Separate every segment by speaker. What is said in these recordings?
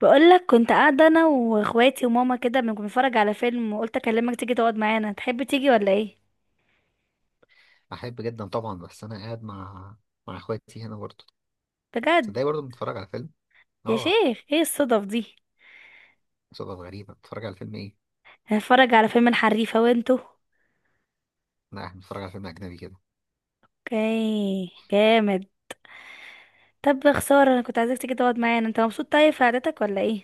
Speaker 1: بقولك كنت قاعدة أنا وإخواتي وماما كده بنتفرج على فيلم، وقلت أكلمك تيجي تقعد معانا، تحب تيجي ولا إيه؟
Speaker 2: احب جدا طبعا، بس انا قاعد مع اخواتي هنا برضه.
Speaker 1: بجد؟
Speaker 2: تصدقي برضه بنتفرج على فيلم.
Speaker 1: يا
Speaker 2: اه.
Speaker 1: شيخ إيه الصدف دي؟
Speaker 2: صدف غريبة، بتتفرج على فيلم ايه؟
Speaker 1: هنتفرج على فيلم الحريفة وانتوا؟
Speaker 2: لا، احنا بنتفرج على فيلم اجنبي كده.
Speaker 1: اوكي، جامد. طب يا خسارة، أنا كنت عايزاك تيجي تقعد معانا. أنت مبسوط طيب في قعدتك ولا إيه؟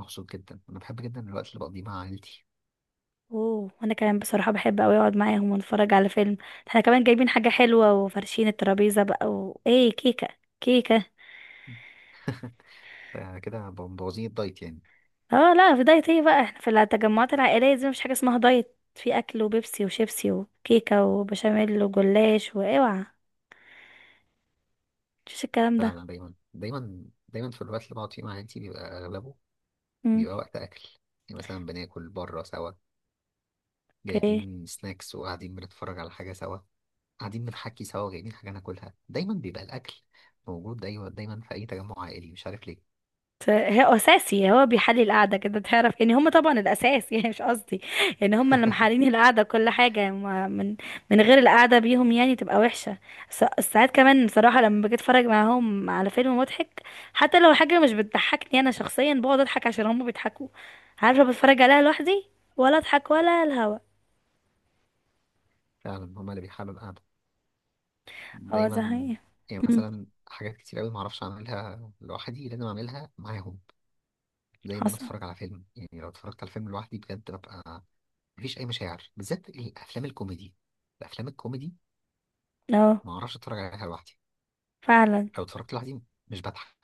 Speaker 2: مبسوط جدا، انا بحب جدا الوقت اللي بقضيه مع عائلتي.
Speaker 1: أوه، وأنا كمان بصراحة بحب أوي أقعد معاهم ونتفرج على فيلم. احنا كمان جايبين حاجة حلوة وفرشين الترابيزة بقى، وإيه، كيكة. كيكة.
Speaker 2: ف- كده مبوظين الدايت يعني.
Speaker 1: اه لا، في دايت ايه بقى؟ احنا في التجمعات العائلية دي مفيش حاجة اسمها دايت، في اكل وبيبسي وشيبسي وكيكة وبشاميل وجلاش، واوعى. مفيش الكلام
Speaker 2: فعلا،
Speaker 1: ده.
Speaker 2: دايما دايما دايما في الوقت اللي بقعد فيه مع عائلتي بيبقى اغلبه،
Speaker 1: امم
Speaker 2: بيبقى وقت اكل. يعني مثلا بناكل بره سوا،
Speaker 1: اوكي.
Speaker 2: جايبين سناكس وقاعدين بنتفرج على حاجة سوا، قاعدين بنحكي سوا وجايبين حاجة ناكلها. دايما بيبقى الاكل موجود، دايما دايما في اي تجمع عائلي، مش عارف ليه.
Speaker 1: هو اساسي، هو بيحلي القعده كده، تعرف يعني هم طبعا الاساس يعني مش قصدي، يعني هم اللي محلين القعده، كل حاجه يعني، من غير القعده بيهم يعني تبقى وحشه. ساعات كمان بصراحه لما باجي اتفرج معاهم على فيلم مضحك، حتى لو حاجه مش بتضحكني انا شخصيا بقعد اضحك عشان هم بيضحكوا. عارفه، بتفرج عليها لوحدي ولا اضحك ولا الهوا.
Speaker 2: فعلا، هما اللي بيحلوا القعدة
Speaker 1: اه ده
Speaker 2: دايما.
Speaker 1: حقيقي.
Speaker 2: يعني
Speaker 1: امم
Speaker 2: مثلا حاجات كتير أوي معرفش أعملها لوحدي، لازم أعملها معاهم. زي إن أنا
Speaker 1: حصل.
Speaker 2: أتفرج على فيلم، يعني لو اتفرجت على فيلم لوحدي بجد، ببقى مفيش أي مشاعر، بالذات الأفلام الكوميدي.
Speaker 1: اه
Speaker 2: معرفش أتفرج عليها لوحدي،
Speaker 1: فعلا.
Speaker 2: لو اتفرجت لوحدي مش بضحك.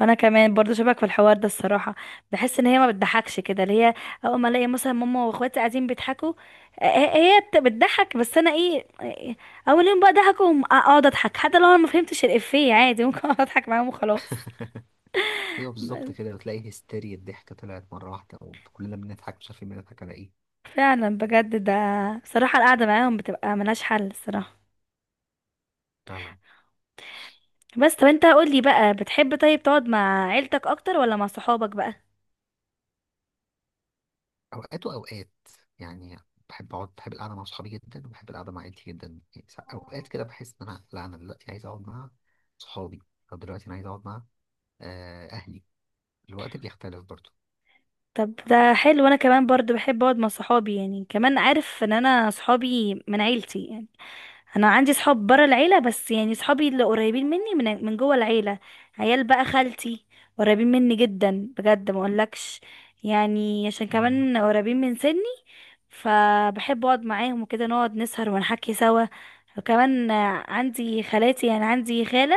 Speaker 1: انا كمان برضو شبك في الحوار ده الصراحه، بحس ان هي ما بتضحكش كده، اللي هي اول ما الاقي مثلا ماما واخواتي قاعدين بيضحكوا، هي بتضحك، بس انا ايه، اول يوم بقى ضحكوا وم- اقعد اضحك حتى لو انا ما فهمتش الافيه، عادي ممكن اقعد اضحك معاهم وخلاص.
Speaker 2: أيوه، بالظبط كده. وتلاقي هستيريا الضحكة طلعت مرة واحدة وكلنا بنضحك، مش عارفين بنضحك على إيه.
Speaker 1: فعلا بجد ده، صراحه القعده معاهم بتبقى ملهاش حل الصراحه.
Speaker 2: فعلا.
Speaker 1: بس طب انت قول لي بقى، بتحب طيب تقعد مع عيلتك اكتر ولا مع صحابك بقى؟
Speaker 2: اوقات واوقات يعني. بحب القعده مع صحابي جدا، وبحب القعده مع عيلتي جدا. يعني اوقات كده بحس ان انا، لا انا دلوقتي عايز اقعد مع صحابي، او دلوقتي انا عايز اقعد مع اهلي. الوقت بيختلف برضه.
Speaker 1: طب ده حلو، انا كمان برضو بحب اقعد مع صحابي، يعني كمان عارف ان انا صحابي من عيلتي يعني، انا عندي صحاب برا العيله بس، يعني صحابي اللي قريبين مني من جوه العيله، عيال بقى خالتي، قريبين مني جدا بجد ما اقولكش، يعني عشان
Speaker 2: مم.
Speaker 1: كمان قريبين من سني، فبحب اقعد معاهم وكده نقعد نسهر ونحكي سوا. وكمان عندي خالاتي، يعني عندي خاله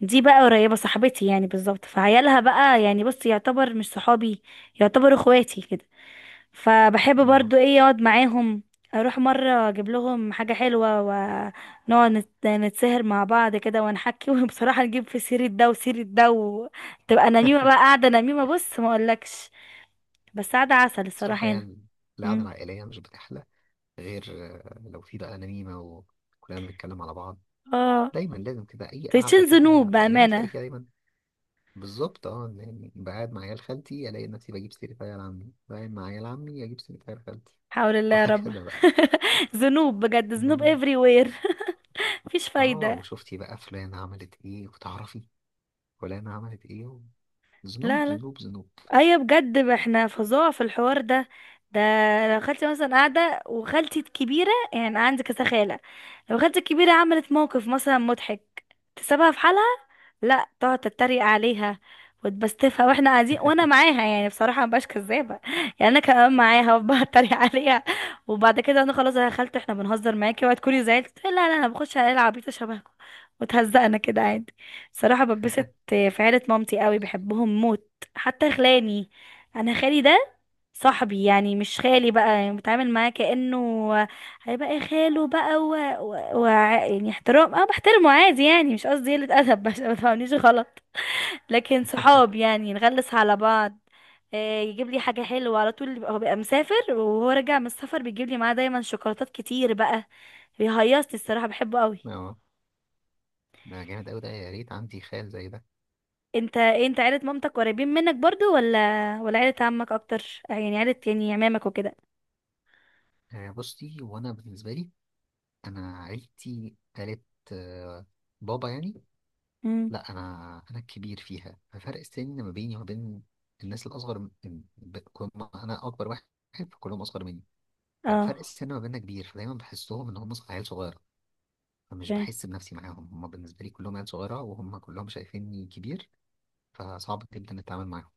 Speaker 1: دي بقى قريبه صاحبتي يعني بالظبط، فعيالها بقى يعني بص، يعتبر مش صحابي، يعتبر اخواتي كده. فبحب
Speaker 2: آه.
Speaker 1: برضو ايه اقعد معاهم، اروح مرة اجيب لهم حاجة حلوة ونقعد نتسهر مع بعض كده ونحكي وبصراحة نجيب في سيرة ده وسيرة ده، وتبقى نميمة بقى، قاعدة نميمة بص ما اقولكش. بس قاعدة عسل الصراحة
Speaker 2: صراحه
Speaker 1: هنا.
Speaker 2: يعني القعده
Speaker 1: مم.
Speaker 2: العائليه مش بتحلى غير لو في بقى نميمه وكلنا بنتكلم على بعض.
Speaker 1: اه،
Speaker 2: دايما لازم كده، اي قعده
Speaker 1: تشين ذنوب
Speaker 2: كده عائليه تلاقي
Speaker 1: بأمانة.
Speaker 2: فيها دايما. بالظبط، اه، يعني بقعد مع عيال خالتي الاقي نفسي بجيب سيره عيال عمي، بقعد مع عيال عمي اجيب سيره عيال خالتي.
Speaker 1: حول الله يا رب
Speaker 2: وهكذا بقى.
Speaker 1: ذنوب بجد، ذنوب
Speaker 2: جميل.
Speaker 1: everywhere مفيش
Speaker 2: اه،
Speaker 1: فايدة.
Speaker 2: وشفتي بقى فلانة عملت ايه وتعرفي فلانة عملت ايه.
Speaker 1: لا
Speaker 2: ذنوب
Speaker 1: لا،
Speaker 2: ذنوب ذنوب.
Speaker 1: ايوه بجد، ما احنا فظاع في الحوار ده. ده لو خالتي مثلا قاعده، وخالتي الكبيره، يعني أنا عندي كذا خاله، لو خالتي الكبيره عملت موقف مثلا مضحك، تسيبها في حالها، لا تقعد تتريق عليها وتبستفها، واحنا قاعدين، وانا معاها يعني بصراحه مبقاش كذابه يعني انا كمان معاها وبقعد اتريق عليها. وبعد كده انا خلاص يا خالتي احنا بنهزر معاكي، وهتكوني تكوني زعلت تقولي لا لا انا بخش على العبيطه شبهكم، وتهزقنا كده عادي. بصراحه ببسط في عيله مامتي قوي، بحبهم موت، حتى خلاني، انا خالي ده صاحبي يعني، مش خالي بقى يعني، بتعامل معاه كأنه هيبقى خاله بقى يعني احترام، اه بحترمه عادي يعني، مش قصدي قلة ادب عشان ما تفهمنيش غلط، لكن صحاب يعني، نغلس على بعض، يجيب لي حاجة حلوة على طول، هو بيبقى مسافر، وهو راجع من السفر بيجيب لي معاه دايما شوكولاتات كتير بقى، بيهيصني الصراحة، بحبه قوي.
Speaker 2: اه، ده جامد اوي ده، يا ريت عندي خال زي ده.
Speaker 1: انت إيه، انت عيلة مامتك قريبين منك برضو ولا ولا عيلة عمك اكتر؟ يعني عيلة يعني عمامك وكده.
Speaker 2: آه بصي، وانا بالنسبة لي، انا عيلتي، قالت، آه، بابا يعني، لا انا الكبير فيها. ففرق السن ما بيني وما بين الناس الاصغر كل ما انا اكبر واحد، فكلهم اصغر مني.
Speaker 1: اه،
Speaker 2: فالفرق السن ما بيننا كبير، فدايما بحسهم ان هم عيال صغيرة، فمش
Speaker 1: اوكي.
Speaker 2: بحس بنفسي معاهم. هم بالنسبة لي كلهم عيال صغيرة، وهم كلهم شايفيني كبير، فصعب جدا التعامل معاهم.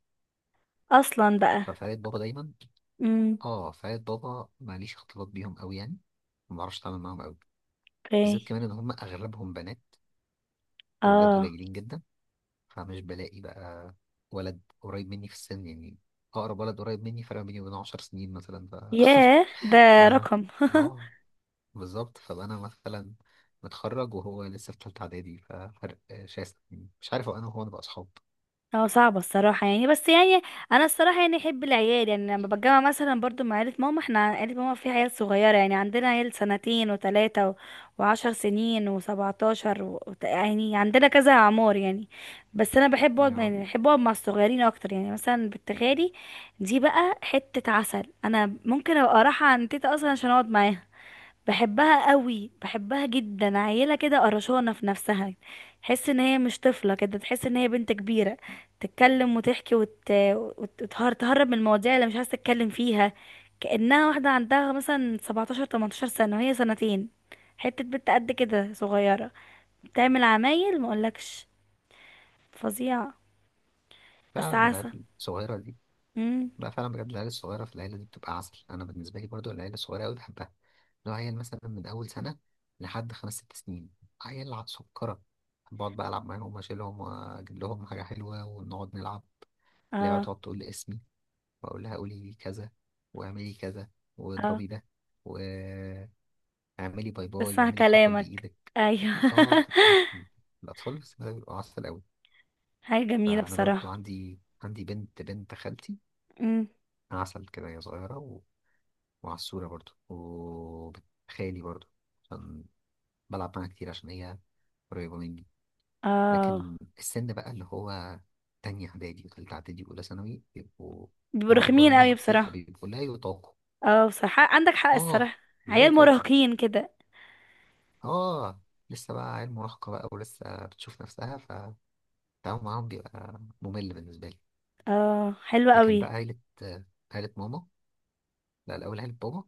Speaker 1: اصلا بقى.
Speaker 2: ففعالية بابا دايما.
Speaker 1: امم
Speaker 2: اه، فعالية بابا ماليش اختلاط بيهم قوي يعني، ما بعرفش اتعامل معاهم قوي. بالذات
Speaker 1: اوكي.
Speaker 2: كمان ان هم اغلبهم بنات، الولاد
Speaker 1: اه.
Speaker 2: قليلين جدا، فمش بلاقي بقى ولد قريب مني في السن يعني. اقرب ولد قريب مني فرق بيني وبينه 10 سنين مثلا، ف
Speaker 1: ياه ده
Speaker 2: انا،
Speaker 1: رقم
Speaker 2: اه، بالظبط. فانا مثلا متخرج وهو لسه في تالتة اعدادي، ففرق شاسع، يعني مش عارف هو انا وهو نبقى اصحاب.
Speaker 1: هو صعب الصراحة يعني، بس يعني أنا الصراحة يعني أحب العيال، يعني لما بتجمع مثلا برضو مع عيلة ماما، احنا عيلة ماما فيها عيال صغيرة، يعني عندنا عيال سنتين وتلاتة و وعشر سنين وسبعتاشر يعني عندنا كذا أعمار يعني. بس أنا بحب أقعد،
Speaker 2: اه،
Speaker 1: يعني بحب أقعد مع الصغيرين أكتر، يعني مثلا بنت خالي دي بقى حتة عسل، أنا ممكن أبقى رايحة عند تيتا أصلا عشان أقعد معاها، بحبها قوي، بحبها جدا، عيله كده قرشانه في نفسها، تحس ان هي مش طفله كده، تحس ان هي بنت كبيره، تتكلم وتحكي وتهرب من المواضيع اللي مش عايزه تتكلم فيها، كانها واحده عندها مثلا 17 18 سنه، وهي سنتين، حته بنت قد كده صغيره، بتعمل عمايل مقولكش فظيعه. بس
Speaker 2: فعلا العيال
Speaker 1: عسل.
Speaker 2: الصغيرة.
Speaker 1: امم
Speaker 2: لا، فعلا بجد العيال الصغيرة في العيلة دي بتبقى عسل. أنا بالنسبة لي برضو العيلة الصغيرة أوي بحبها. لو عيل مثلا من أول سنة لحد خمس ست سنين، عيال على سكرة، بقعد بقى ألعب معاهم وأشيلهم وأجيب لهم حاجة حلوة ونقعد نلعب، اللي بقى
Speaker 1: اه.
Speaker 2: تقعد تقول لي اسمي وأقول لها قولي كذا، واعملي كذا،
Speaker 1: اه،
Speaker 2: واضربي ده، واعملي باي باي،
Speaker 1: بسمع
Speaker 2: واعملي حركات
Speaker 1: كلامك.
Speaker 2: بإيدك.
Speaker 1: ايوه
Speaker 2: اه، بتبقى عسل. الأطفال في السن ده بيبقوا عسل أوي.
Speaker 1: حاجه جميله
Speaker 2: فأنا برضو
Speaker 1: بصراحه.
Speaker 2: عندي بنت بنت خالتي
Speaker 1: امم
Speaker 2: عسل كده، هي صغيرة وعسولة برضو، وخالي برضو، عشان بلعب معاها كتير عشان هي قريبة مني.
Speaker 1: اه،
Speaker 2: لكن السن بقى اللي هو تانية إعدادي وتالتة إعدادي وأولى ثانوي بيبقوا،
Speaker 1: بيبقوا
Speaker 2: وأنا أكبر
Speaker 1: رخمين
Speaker 2: منهم
Speaker 1: قوي
Speaker 2: بكتير
Speaker 1: بصراحة.
Speaker 2: فبيبقوا لا يطاقوا.
Speaker 1: اه، بصراحة عندك حق
Speaker 2: آه،
Speaker 1: الصراحة.
Speaker 2: لا
Speaker 1: عيال
Speaker 2: يطاقوا.
Speaker 1: مراهقين كده.
Speaker 2: آه، لسه بقى عيل مراهقة بقى ولسه بتشوف نفسها، فالتعامل معاهم بيبقى ممل بالنسبة لي.
Speaker 1: اه حلوة
Speaker 2: لكن بقى
Speaker 1: قوي.
Speaker 2: عيلة، آه، عيلة ماما، لا، الأول عيلة بابا،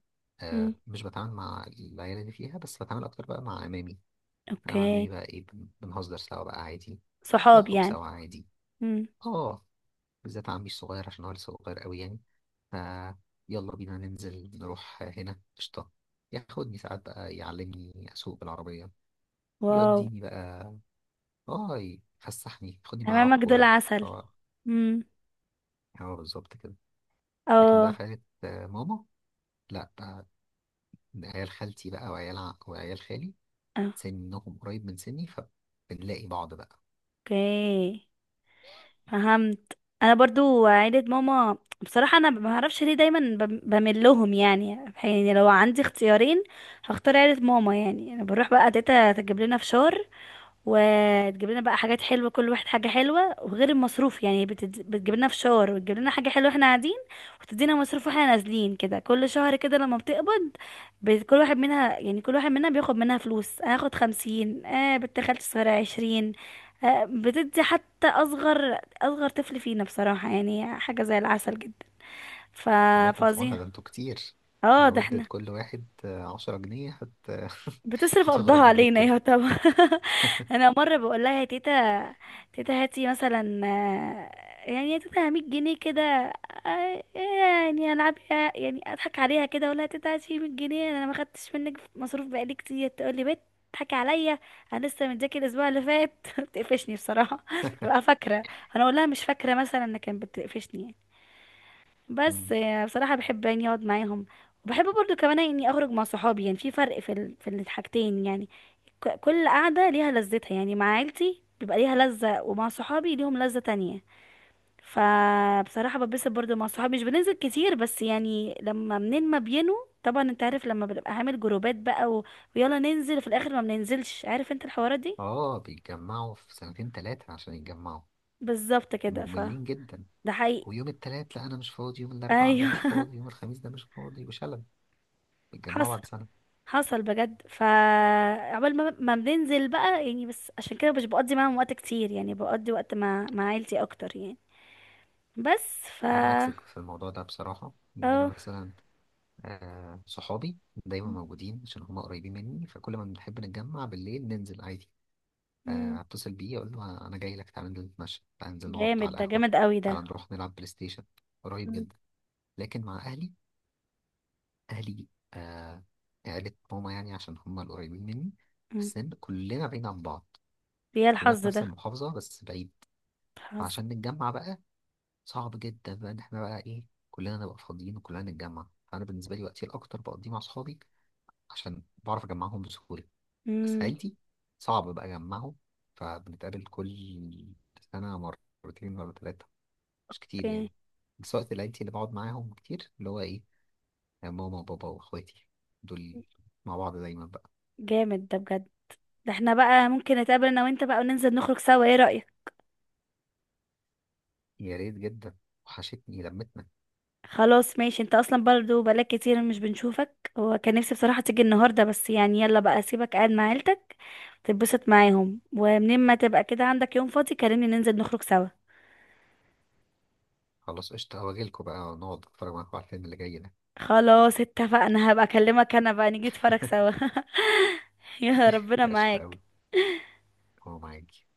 Speaker 1: مم.
Speaker 2: مش بتعامل مع العيال اللي فيها، بس بتعامل أكتر بقى مع عمامي. انا وعمامي
Speaker 1: اوكي.
Speaker 2: بقى ايه، بنهزر سوا بقى عادي،
Speaker 1: صحاب
Speaker 2: نخرج
Speaker 1: يعني.
Speaker 2: سوا عادي.
Speaker 1: مم.
Speaker 2: اه، بالذات عمي الصغير عشان هو لسه صغير قوي يعني، ف يلا بينا ننزل نروح هنا قشطة. ياخدني ساعات بقى يعلمني اسوق بالعربية،
Speaker 1: واو.
Speaker 2: يوديني بقى، اه، يفسحني، ياخدني معاه العب
Speaker 1: امامك دول
Speaker 2: كورة.
Speaker 1: عسل.
Speaker 2: هو
Speaker 1: مم.
Speaker 2: هو بالظبط كده. لكن بقى
Speaker 1: اه.
Speaker 2: فايت ماما، لا بقى، عيال خالتي بقى وعيال خالي سنهم قريب من سني، فبنلاقي بعض بقى.
Speaker 1: اوكي، فهمت. انا برضو عيلة ماما بصراحة، انا ما اعرفش ليه دايما بميل لهم يعني، يعني لو عندي اختيارين هختار عيلة ماما، يعني انا بروح بقى تيتا تجيب لنا فشار، وتجيب لنا بقى حاجات حلوه، كل واحد حاجه حلوه، وغير المصروف يعني، بتجيب لنا فشار وتجيب لنا حاجه حلوه احنا قاعدين، وتدينا مصروف واحنا نازلين كده، كل شهر كده لما بتقبض، كل واحد منها يعني، كل واحد منها بياخد منها فلوس، انا هاخد خمسين، آه بنت خالتي الصغيره عشرين، آه بتدي حتى اصغر اصغر طفل فينا، بصراحه يعني حاجه زي العسل جدا. ف
Speaker 2: الله يكون في عونها،
Speaker 1: فظيع.
Speaker 2: ده انتوا كتير،
Speaker 1: اه ده
Speaker 2: لو ادت
Speaker 1: احنا
Speaker 2: كل واحد 10 جنيه هت
Speaker 1: بتصرف قبضها
Speaker 2: هتغرم قد
Speaker 1: علينا
Speaker 2: كده.
Speaker 1: يا طبعا انا مره بقول لها يا تيتا، تيتا هاتي مثلا يعني يا تيتا 100 جنيه كده، يعني العب، يعني اضحك عليها كده، اقول لها تيتا هاتي 100 جنيه، انا ما خدتش منك مصروف بقالي كتير، تقول لي بت تضحكي عليا، انا لسه متذاكر الاسبوع اللي فات بتقفشني بصراحه تبقى فاكره. انا اقول لها مش فاكره مثلا انها كانت بتقفشني يعني. بس
Speaker 2: مم.
Speaker 1: يعني بصراحة بحب يعني اقعد معاهم، وبحب برضو كمان اني اخرج مع صحابي، يعني في فرق في الحاجتين يعني، كل قعدة ليها لذتها، يعني مع عيلتي بيبقى ليها لذة، ومع صحابي ليهم لذة تانية. فبصراحة ببسط برضو مع صحابي، مش بننزل كتير بس يعني لما منين ما بينوا، طبعا انت عارف لما بنبقى عامل جروبات بقى ويلا ننزل في الاخر ما بننزلش، عارف انت الحوارات دي.
Speaker 2: اه، بيتجمعوا في سنتين تلاتة عشان يتجمعوا،
Speaker 1: بالظبط كده. ف
Speaker 2: مملين جدا.
Speaker 1: ده حقيقي.
Speaker 2: ويوم التلات لا انا مش فاضي، يوم الاربعاء ده
Speaker 1: ايوه
Speaker 2: مش فاضي، يوم الخميس ده مش فاضي، وشلل. بيتجمعوا
Speaker 1: حصل.
Speaker 2: بعد سنة.
Speaker 1: حصل بجد، فعقبال ما بننزل بقى يعني، بس عشان كده مش بقضي معاهم وقت كتير يعني، بقضي وقت مع عيلتي اكتر يعني، بس. ف
Speaker 2: انا عكسك في الموضوع ده بصراحة. يعني انا
Speaker 1: اه.
Speaker 2: مثلا، آه، صحابي دايما موجودين عشان هما قريبين مني، فكل ما بنحب نتجمع بالليل ننزل عادي.
Speaker 1: مم.
Speaker 2: اتصل بيه اقول له انا جاي لك، تعالى ننزل نتمشى، تعالى ننزل نقعد
Speaker 1: جامد
Speaker 2: على
Speaker 1: ده،
Speaker 2: القهوه،
Speaker 1: جامد قوي ده.
Speaker 2: تعالى نروح نلعب بلاي ستيشن. قريب
Speaker 1: مم.
Speaker 2: جدا. لكن مع اهلي، اهلي آه عيلة ماما يعني عشان هم القريبين مني في
Speaker 1: مم.
Speaker 2: السن، كلنا بعيد عن بعض.
Speaker 1: يا
Speaker 2: كلنا
Speaker 1: الحظ
Speaker 2: في نفس
Speaker 1: ده.
Speaker 2: المحافظه بس بعيد،
Speaker 1: الحظ.
Speaker 2: عشان نتجمع بقى صعب جدا بقى ان احنا بقى ايه كلنا نبقى فاضيين وكلنا نتجمع. فانا بالنسبه لي وقتي الاكتر بقضيه مع اصحابي عشان بعرف اجمعهم بسهوله.
Speaker 1: مم.
Speaker 2: سعيدي صعب بقى أجمعه. فبنتقابل كل سنة مرتين ولا ثلاثة، مش كتير يعني.
Speaker 1: اوكي.
Speaker 2: بس وقت العيلتي اللي بقعد معاهم كتير اللي هو إيه، ماما وبابا وإخواتي دول، مع بعض دايما بقى.
Speaker 1: جامد ده بجد. ده احنا بقى ممكن نتقابل انا وانت بقى وننزل نخرج سوا، ايه رأيك؟
Speaker 2: يا ريت جدا، وحشتني لمتنا.
Speaker 1: خلاص ماشي، انت اصلا برضو بقالك كتير مش بنشوفك، هو كان نفسي بصراحة تيجي النهاردة، بس يعني يلا بقى اسيبك قاعد مع عيلتك تتبسط معاهم، ومنين ما تبقى كده عندك يوم فاضي كلمني ننزل نخرج سوا.
Speaker 2: خلاص قشطة، هواجيلكوا بقى ونقعد نتفرج معاكوا على الفيلم اللي جاي ده.
Speaker 1: خلاص اتفقنا، هبقى اكلمك انا بقى نيجي نتفرج سوا يا ربنا
Speaker 2: قشطة
Speaker 1: معاك.
Speaker 2: أوي. هو معاكي.